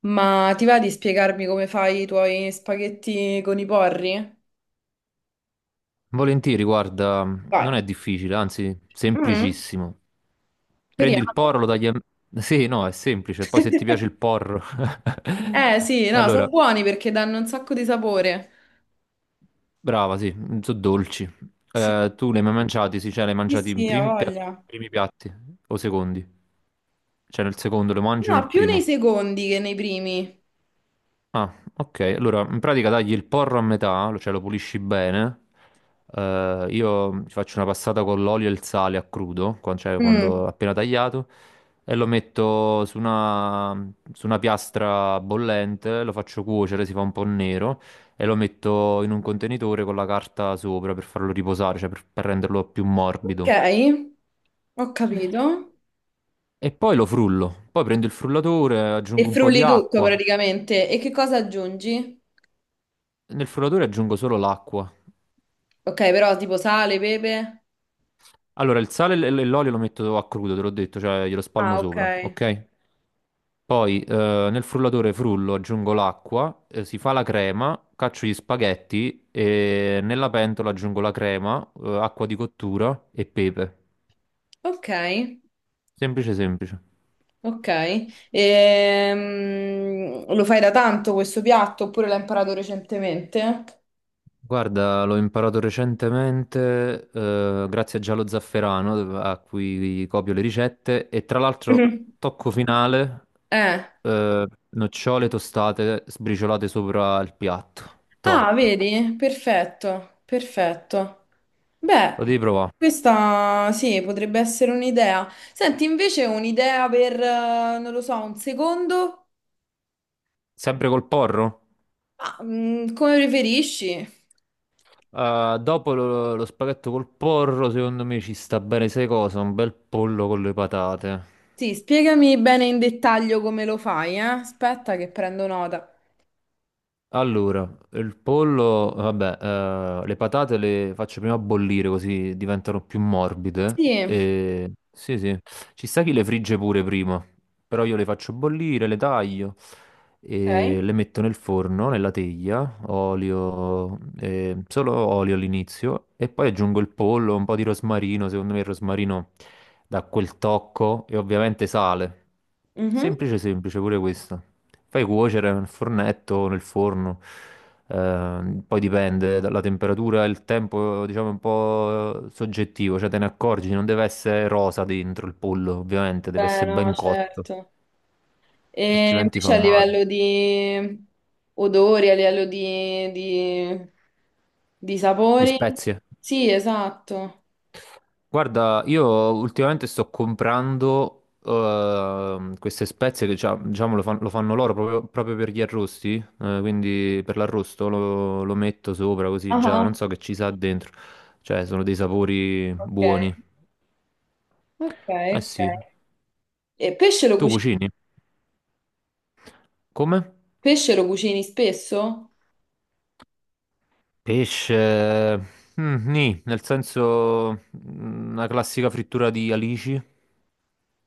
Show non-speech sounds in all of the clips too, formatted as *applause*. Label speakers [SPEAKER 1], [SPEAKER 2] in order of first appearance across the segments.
[SPEAKER 1] Ma ti va di spiegarmi come fai i tuoi spaghetti con i porri?
[SPEAKER 2] Volentieri, guarda, non
[SPEAKER 1] Vai.
[SPEAKER 2] è difficile, anzi,
[SPEAKER 1] Mm,
[SPEAKER 2] semplicissimo. Prendi il
[SPEAKER 1] speriamo.
[SPEAKER 2] porro, lo tagli a. Sì, no, è semplice. Poi se ti piace
[SPEAKER 1] *laughs*
[SPEAKER 2] il porro.
[SPEAKER 1] Eh sì,
[SPEAKER 2] *laughs*
[SPEAKER 1] no, sono
[SPEAKER 2] Allora,
[SPEAKER 1] buoni perché danno un sacco di sapore.
[SPEAKER 2] brava, sì, sono dolci.
[SPEAKER 1] Sì,
[SPEAKER 2] Tu li hai mai mangiati? Sì, cioè li hai
[SPEAKER 1] sì,
[SPEAKER 2] mangiati in
[SPEAKER 1] sì, ha voglia.
[SPEAKER 2] primi piatti o secondi? Cioè nel secondo lo mangi o
[SPEAKER 1] No,
[SPEAKER 2] nel
[SPEAKER 1] più nei
[SPEAKER 2] primo?
[SPEAKER 1] secondi che nei primi.
[SPEAKER 2] Ah, ok. Allora, in pratica tagli il porro a metà, cioè lo pulisci bene. Io ci faccio una passata con l'olio e il sale a crudo, cioè
[SPEAKER 1] Mm.
[SPEAKER 2] quando appena tagliato, e lo metto su una piastra bollente, lo faccio cuocere, si fa un po' nero, e lo metto in un contenitore con la carta sopra per farlo riposare, cioè per renderlo più
[SPEAKER 1] Ok,
[SPEAKER 2] morbido.
[SPEAKER 1] ho capito.
[SPEAKER 2] E poi lo frullo. Poi prendo il frullatore,
[SPEAKER 1] E
[SPEAKER 2] aggiungo un po' di
[SPEAKER 1] frulli tutto
[SPEAKER 2] acqua.
[SPEAKER 1] praticamente. E che cosa aggiungi?
[SPEAKER 2] Nel frullatore aggiungo solo l'acqua.
[SPEAKER 1] Ok, però tipo sale, pepe.
[SPEAKER 2] Allora, il sale e e l'olio lo metto a crudo, te l'ho detto, cioè glielo spalmo
[SPEAKER 1] Ah, ok.
[SPEAKER 2] sopra, ok? Poi nel frullatore frullo, aggiungo l'acqua, si fa la crema, caccio gli spaghetti e nella pentola aggiungo la crema, acqua di cottura e pepe.
[SPEAKER 1] Ok.
[SPEAKER 2] Semplice, semplice.
[SPEAKER 1] Ok. Lo fai da tanto questo piatto oppure l'hai imparato recentemente?
[SPEAKER 2] Guarda, l'ho imparato recentemente, grazie a Giallo Zafferano, a cui copio le ricette, e tra l'altro,
[SPEAKER 1] Mhm.
[SPEAKER 2] tocco finale,
[SPEAKER 1] Eh.
[SPEAKER 2] nocciole tostate sbriciolate sopra il piatto.
[SPEAKER 1] Ah,
[SPEAKER 2] Top.
[SPEAKER 1] vedi? Perfetto, perfetto. Beh,
[SPEAKER 2] Lo devi provare.
[SPEAKER 1] questa sì, potrebbe essere un'idea. Senti, invece un'idea per, non lo so, un secondo?
[SPEAKER 2] Sempre col porro?
[SPEAKER 1] Ah, come preferisci?
[SPEAKER 2] Dopo lo spaghetto col porro, secondo me ci sta bene, sai cosa? Un bel pollo con le patate.
[SPEAKER 1] Sì, spiegami bene in dettaglio come lo fai, eh? Aspetta che prendo nota.
[SPEAKER 2] Allora, il pollo, vabbè, le patate le faccio prima bollire così diventano più morbide.
[SPEAKER 1] Sì,
[SPEAKER 2] E. Sì, sì, ci sta chi le frigge pure prima, però io le faccio bollire, le taglio
[SPEAKER 1] ok.
[SPEAKER 2] e le metto nel forno, nella teglia, olio, solo olio all'inizio e poi aggiungo il pollo, un po' di rosmarino, secondo me il rosmarino dà quel tocco e ovviamente sale.
[SPEAKER 1] Mhm.
[SPEAKER 2] Semplice, semplice, pure questo. Fai cuocere nel fornetto o nel forno, poi dipende dalla temperatura, il tempo, diciamo, è un po' soggettivo, cioè te ne accorgi, non deve essere rosa dentro il pollo, ovviamente, deve
[SPEAKER 1] Beh,
[SPEAKER 2] essere
[SPEAKER 1] no,
[SPEAKER 2] ben cotto,
[SPEAKER 1] certo. E
[SPEAKER 2] altrimenti fa
[SPEAKER 1] invece a
[SPEAKER 2] male.
[SPEAKER 1] livello di odori, a livello di
[SPEAKER 2] Di
[SPEAKER 1] sapori,
[SPEAKER 2] spezie?
[SPEAKER 1] sì, esatto.
[SPEAKER 2] Guarda, io ultimamente sto comprando queste spezie che diciamo lo fanno loro proprio, proprio per gli arrosti, quindi per l'arrosto lo metto sopra
[SPEAKER 1] Ah,
[SPEAKER 2] così già, non
[SPEAKER 1] ah.
[SPEAKER 2] so che ci sa dentro, cioè sono dei sapori
[SPEAKER 1] Ok,
[SPEAKER 2] buoni.
[SPEAKER 1] ok,
[SPEAKER 2] Eh sì,
[SPEAKER 1] ok. E
[SPEAKER 2] tu cucini? Come?
[SPEAKER 1] pesce lo cucini spesso?
[SPEAKER 2] Pesce, nì, nel senso una classica frittura di alici.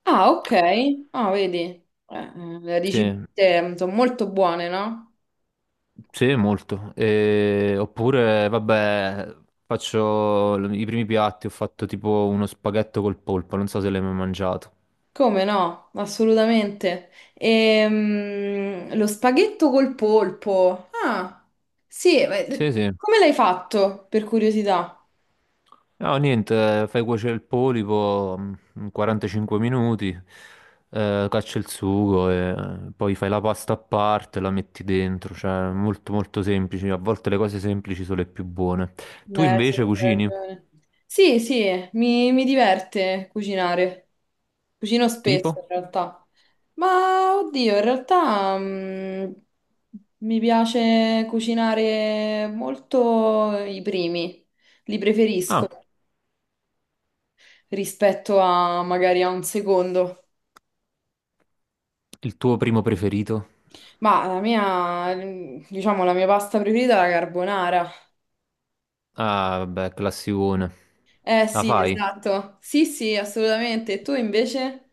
[SPEAKER 1] Ah, ok. Ah, vedi, le
[SPEAKER 2] Sì.
[SPEAKER 1] ricette sono molto buone, no?
[SPEAKER 2] Sì, molto. Oppure, vabbè, faccio i primi piatti, ho fatto tipo uno spaghetto col polpo, non so se l'hai mai mangiato.
[SPEAKER 1] Come no? Assolutamente. Lo spaghetto col polpo. Ah, sì,
[SPEAKER 2] Sì, sì.
[SPEAKER 1] come l'hai fatto, per curiosità?
[SPEAKER 2] No, niente, fai cuocere il polipo 45 minuti, caccia il sugo e poi fai la pasta a parte, la metti dentro, cioè molto molto semplice. A volte le cose semplici sono le più buone. Tu
[SPEAKER 1] Sì,
[SPEAKER 2] invece
[SPEAKER 1] hai
[SPEAKER 2] cucini?
[SPEAKER 1] ragione. Sì, sì, mi diverte cucinare. Cucino spesso, in
[SPEAKER 2] Tipo?
[SPEAKER 1] realtà. Ma, oddio, in realtà, mi piace cucinare molto i primi. Li
[SPEAKER 2] Ah,
[SPEAKER 1] preferisco rispetto a magari a un secondo.
[SPEAKER 2] il tuo primo preferito?
[SPEAKER 1] Ma la mia, diciamo, la mia pasta preferita è la carbonara.
[SPEAKER 2] Ah, vabbè, classicone.
[SPEAKER 1] Eh
[SPEAKER 2] La
[SPEAKER 1] sì,
[SPEAKER 2] fai?
[SPEAKER 1] esatto. Sì, sì, assolutamente. E tu invece?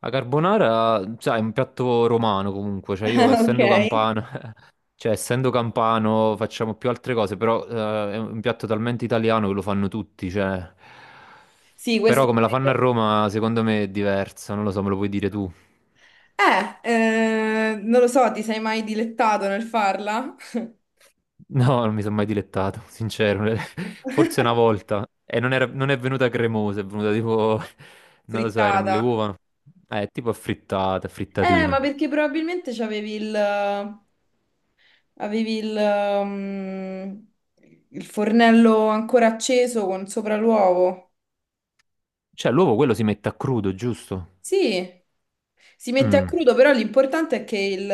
[SPEAKER 2] La carbonara, sai, è un piatto romano comunque, cioè io
[SPEAKER 1] *laughs* Ok.
[SPEAKER 2] essendo campano, *laughs* cioè essendo campano facciamo più altre cose, però è un piatto talmente italiano che lo fanno tutti, cioè.
[SPEAKER 1] Sì, questo
[SPEAKER 2] Però come la
[SPEAKER 1] è
[SPEAKER 2] fanno a
[SPEAKER 1] vero.
[SPEAKER 2] Roma, secondo me è diversa, non lo so, me lo puoi dire tu. *laughs*
[SPEAKER 1] Non lo so, ti sei mai dilettato nel farla?
[SPEAKER 2] No, non mi sono mai dilettato, sincero, *laughs* forse una volta. E non è venuta cremosa, è venuta tipo, *laughs* non lo so, erano le
[SPEAKER 1] Frittata?
[SPEAKER 2] uova, tipo affrittata,
[SPEAKER 1] Ma
[SPEAKER 2] frittatino.
[SPEAKER 1] perché probabilmente avevi mm, il fornello ancora acceso con sopra l'uovo.
[SPEAKER 2] Cioè, l'uovo quello si mette a crudo, giusto?
[SPEAKER 1] Sì, si mette a
[SPEAKER 2] Mm,
[SPEAKER 1] crudo, però l'importante è che il,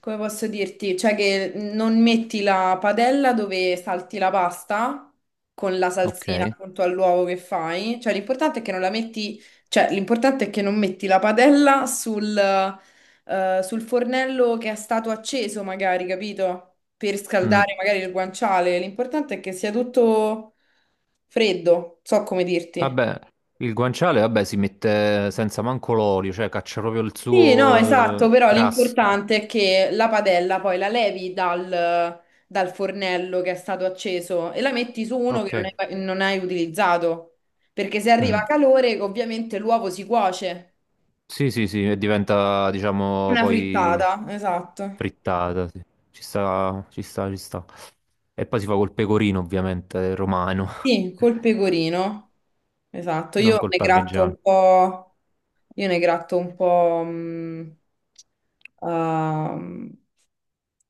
[SPEAKER 1] come posso dirti, cioè che non metti la padella dove salti la pasta con la salsina
[SPEAKER 2] ok.
[SPEAKER 1] appunto all'uovo che fai, cioè l'importante è che non la metti, cioè l'importante è che non metti la padella sul fornello che è stato acceso magari, capito? Per
[SPEAKER 2] Mm.
[SPEAKER 1] scaldare magari il guanciale, l'importante è che sia tutto freddo, so come dirti.
[SPEAKER 2] Vabbè, il guanciale, vabbè, si mette senza manco l'olio, cioè caccia proprio il
[SPEAKER 1] Sì, no,
[SPEAKER 2] suo
[SPEAKER 1] esatto, però
[SPEAKER 2] grasso.
[SPEAKER 1] l'importante è che la padella poi la levi dal fornello che è stato acceso e la metti su uno che
[SPEAKER 2] Ok.
[SPEAKER 1] non hai utilizzato, perché se arriva
[SPEAKER 2] Mm.
[SPEAKER 1] calore ovviamente l'uovo si cuoce.
[SPEAKER 2] Sì, sì, sì, e diventa, diciamo,
[SPEAKER 1] Una
[SPEAKER 2] poi
[SPEAKER 1] frittata, esatto.
[SPEAKER 2] frittata, sì. Ci sta, ci sta, ci sta. E poi si fa col pecorino, ovviamente, romano,
[SPEAKER 1] Sì, col
[SPEAKER 2] *laughs*
[SPEAKER 1] pecorino, esatto.
[SPEAKER 2] non
[SPEAKER 1] Io
[SPEAKER 2] col
[SPEAKER 1] ne gratto
[SPEAKER 2] parmigiano.
[SPEAKER 1] un po', io ne gratto un po' ehm,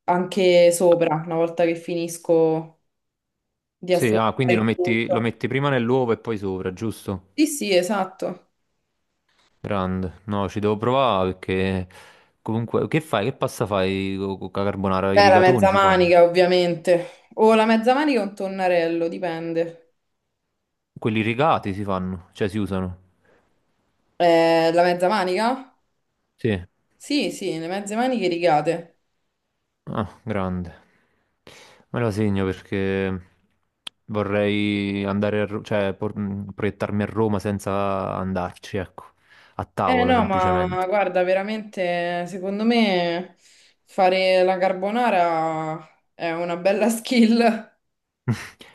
[SPEAKER 1] anche sopra, una volta che finisco di
[SPEAKER 2] Sì, ah,
[SPEAKER 1] assemblare
[SPEAKER 2] quindi
[SPEAKER 1] il
[SPEAKER 2] lo
[SPEAKER 1] tutto.
[SPEAKER 2] metti prima nell'uovo e poi sopra, giusto?
[SPEAKER 1] Sì, sì, esatto.
[SPEAKER 2] Grande, no, ci devo provare perché comunque che fai? Che pasta fai con la carbonara? I
[SPEAKER 1] Beh, la
[SPEAKER 2] rigatoni
[SPEAKER 1] mezza
[SPEAKER 2] si fanno?
[SPEAKER 1] manica, ovviamente. O la mezza manica o un tonnarello, dipende.
[SPEAKER 2] Quelli rigati si fanno, cioè si usano.
[SPEAKER 1] La mezza manica?
[SPEAKER 2] Sì.
[SPEAKER 1] Sì, sì, le mezze maniche rigate.
[SPEAKER 2] Ah, grande. Me la segno perché vorrei andare a, cioè proiettarmi a Roma senza andarci, ecco, a
[SPEAKER 1] Eh
[SPEAKER 2] tavola
[SPEAKER 1] no, ma
[SPEAKER 2] semplicemente.
[SPEAKER 1] guarda, veramente, secondo me fare la carbonara è una bella *laughs* skill.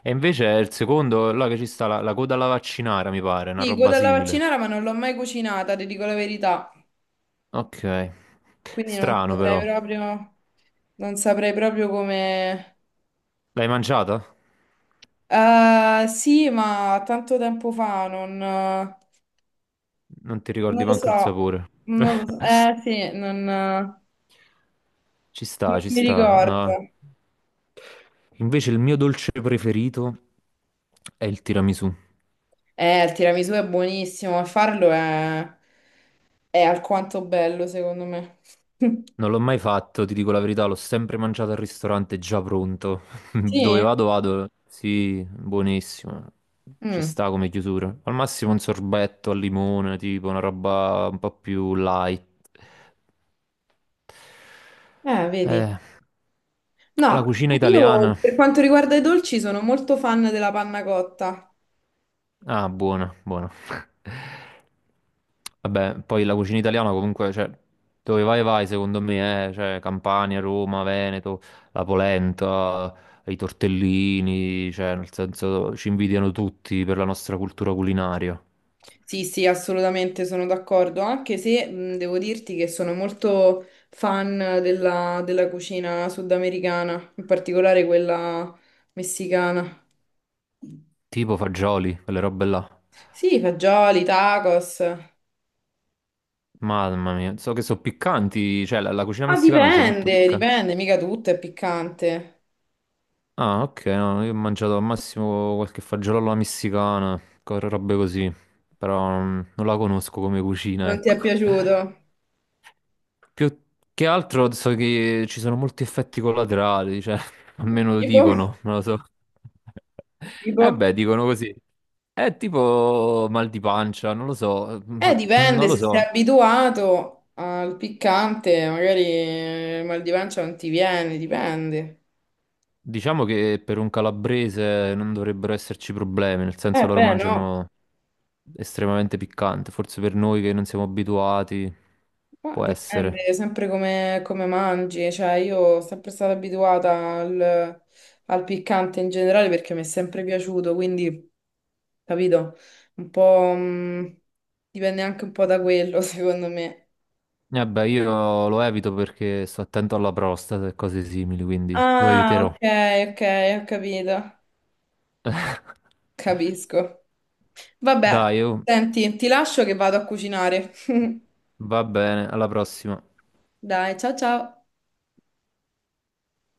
[SPEAKER 2] E invece è il secondo, là che ci sta la coda alla vaccinara, mi pare, una
[SPEAKER 1] Sì,
[SPEAKER 2] roba
[SPEAKER 1] della
[SPEAKER 2] simile.
[SPEAKER 1] vaccinara, ma non l'ho mai cucinata, ti dico la verità.
[SPEAKER 2] Ok.
[SPEAKER 1] Quindi non
[SPEAKER 2] Strano
[SPEAKER 1] saprei
[SPEAKER 2] però.
[SPEAKER 1] proprio, non saprei proprio come.
[SPEAKER 2] L'hai mangiata?
[SPEAKER 1] Sì, ma tanto tempo fa non.
[SPEAKER 2] Non ti
[SPEAKER 1] Non
[SPEAKER 2] ricordi
[SPEAKER 1] lo
[SPEAKER 2] manco il
[SPEAKER 1] so,
[SPEAKER 2] sapore.
[SPEAKER 1] non lo so. Eh
[SPEAKER 2] *laughs*
[SPEAKER 1] sì, non
[SPEAKER 2] Ci sta, ci
[SPEAKER 1] mi
[SPEAKER 2] sta.
[SPEAKER 1] ricordo.
[SPEAKER 2] No. Invece il mio dolce preferito è il tiramisù.
[SPEAKER 1] Il tiramisù è buonissimo, ma farlo è alquanto bello, secondo me. *laughs*
[SPEAKER 2] Non l'ho mai fatto, ti dico la verità, l'ho sempre mangiato al ristorante già pronto. *laughs* Dove
[SPEAKER 1] Sì?
[SPEAKER 2] vado, vado. Sì, buonissimo. Ci
[SPEAKER 1] Mm.
[SPEAKER 2] sta come chiusura. Al massimo un sorbetto al limone, tipo una roba un po' più light.
[SPEAKER 1] Vedi.
[SPEAKER 2] Eh, la
[SPEAKER 1] No,
[SPEAKER 2] cucina
[SPEAKER 1] io
[SPEAKER 2] italiana.
[SPEAKER 1] per quanto riguarda i dolci sono molto fan della panna cotta.
[SPEAKER 2] Ah, buono, buono. *laughs* Vabbè, poi la cucina italiana comunque, cioè, dove vai vai secondo me, cioè Campania, Roma, Veneto, la polenta, i tortellini, cioè nel senso ci invidiano tutti per la nostra cultura culinaria.
[SPEAKER 1] Sì, sì, assolutamente sono d'accordo, anche se devo dirti che sono molto fan della cucina sudamericana, in particolare quella messicana.
[SPEAKER 2] Tipo fagioli, quelle robe là.
[SPEAKER 1] Sì, fagioli, tacos. Ah,
[SPEAKER 2] Mamma mia, so che sono piccanti, cioè la cucina messicana usa molto
[SPEAKER 1] dipende,
[SPEAKER 2] piccante.
[SPEAKER 1] dipende, mica tutto è piccante.
[SPEAKER 2] Ah, ok, no, no, io ho mangiato al massimo qualche fagiolo alla messicana, robe così, però non la conosco come cucina,
[SPEAKER 1] Non ti è
[SPEAKER 2] ecco.
[SPEAKER 1] piaciuto?
[SPEAKER 2] Più che altro so che ci sono molti effetti collaterali, cioè, *laughs* almeno lo
[SPEAKER 1] Tipo,
[SPEAKER 2] dicono, non lo so. *laughs*
[SPEAKER 1] tipo.
[SPEAKER 2] Eh beh, dicono così. È tipo mal di pancia, non lo so, ma non
[SPEAKER 1] Dipende,
[SPEAKER 2] lo
[SPEAKER 1] se sei
[SPEAKER 2] so.
[SPEAKER 1] abituato al piccante, magari il mal di pancia non ti viene, dipende.
[SPEAKER 2] Diciamo che per un calabrese non dovrebbero esserci problemi, nel senso loro
[SPEAKER 1] Beh, no.
[SPEAKER 2] mangiano estremamente piccante, forse per noi che non siamo abituati
[SPEAKER 1] Ma
[SPEAKER 2] può
[SPEAKER 1] dipende
[SPEAKER 2] essere.
[SPEAKER 1] sempre come mangi, cioè io sono sempre stata abituata al, piccante in generale perché mi è sempre piaciuto, quindi capito, un po' dipende anche un po' da quello *laughs* secondo me.
[SPEAKER 2] E beh, io lo evito perché sto attento alla prostata e cose simili, quindi lo
[SPEAKER 1] Ah,
[SPEAKER 2] eviterò.
[SPEAKER 1] ok, ok, ho capito,
[SPEAKER 2] *laughs*
[SPEAKER 1] capisco. Vabbè,
[SPEAKER 2] Dai, oh,
[SPEAKER 1] senti, ti lascio che vado a cucinare. *laughs*
[SPEAKER 2] va bene, alla prossima.
[SPEAKER 1] Dai, ciao ciao.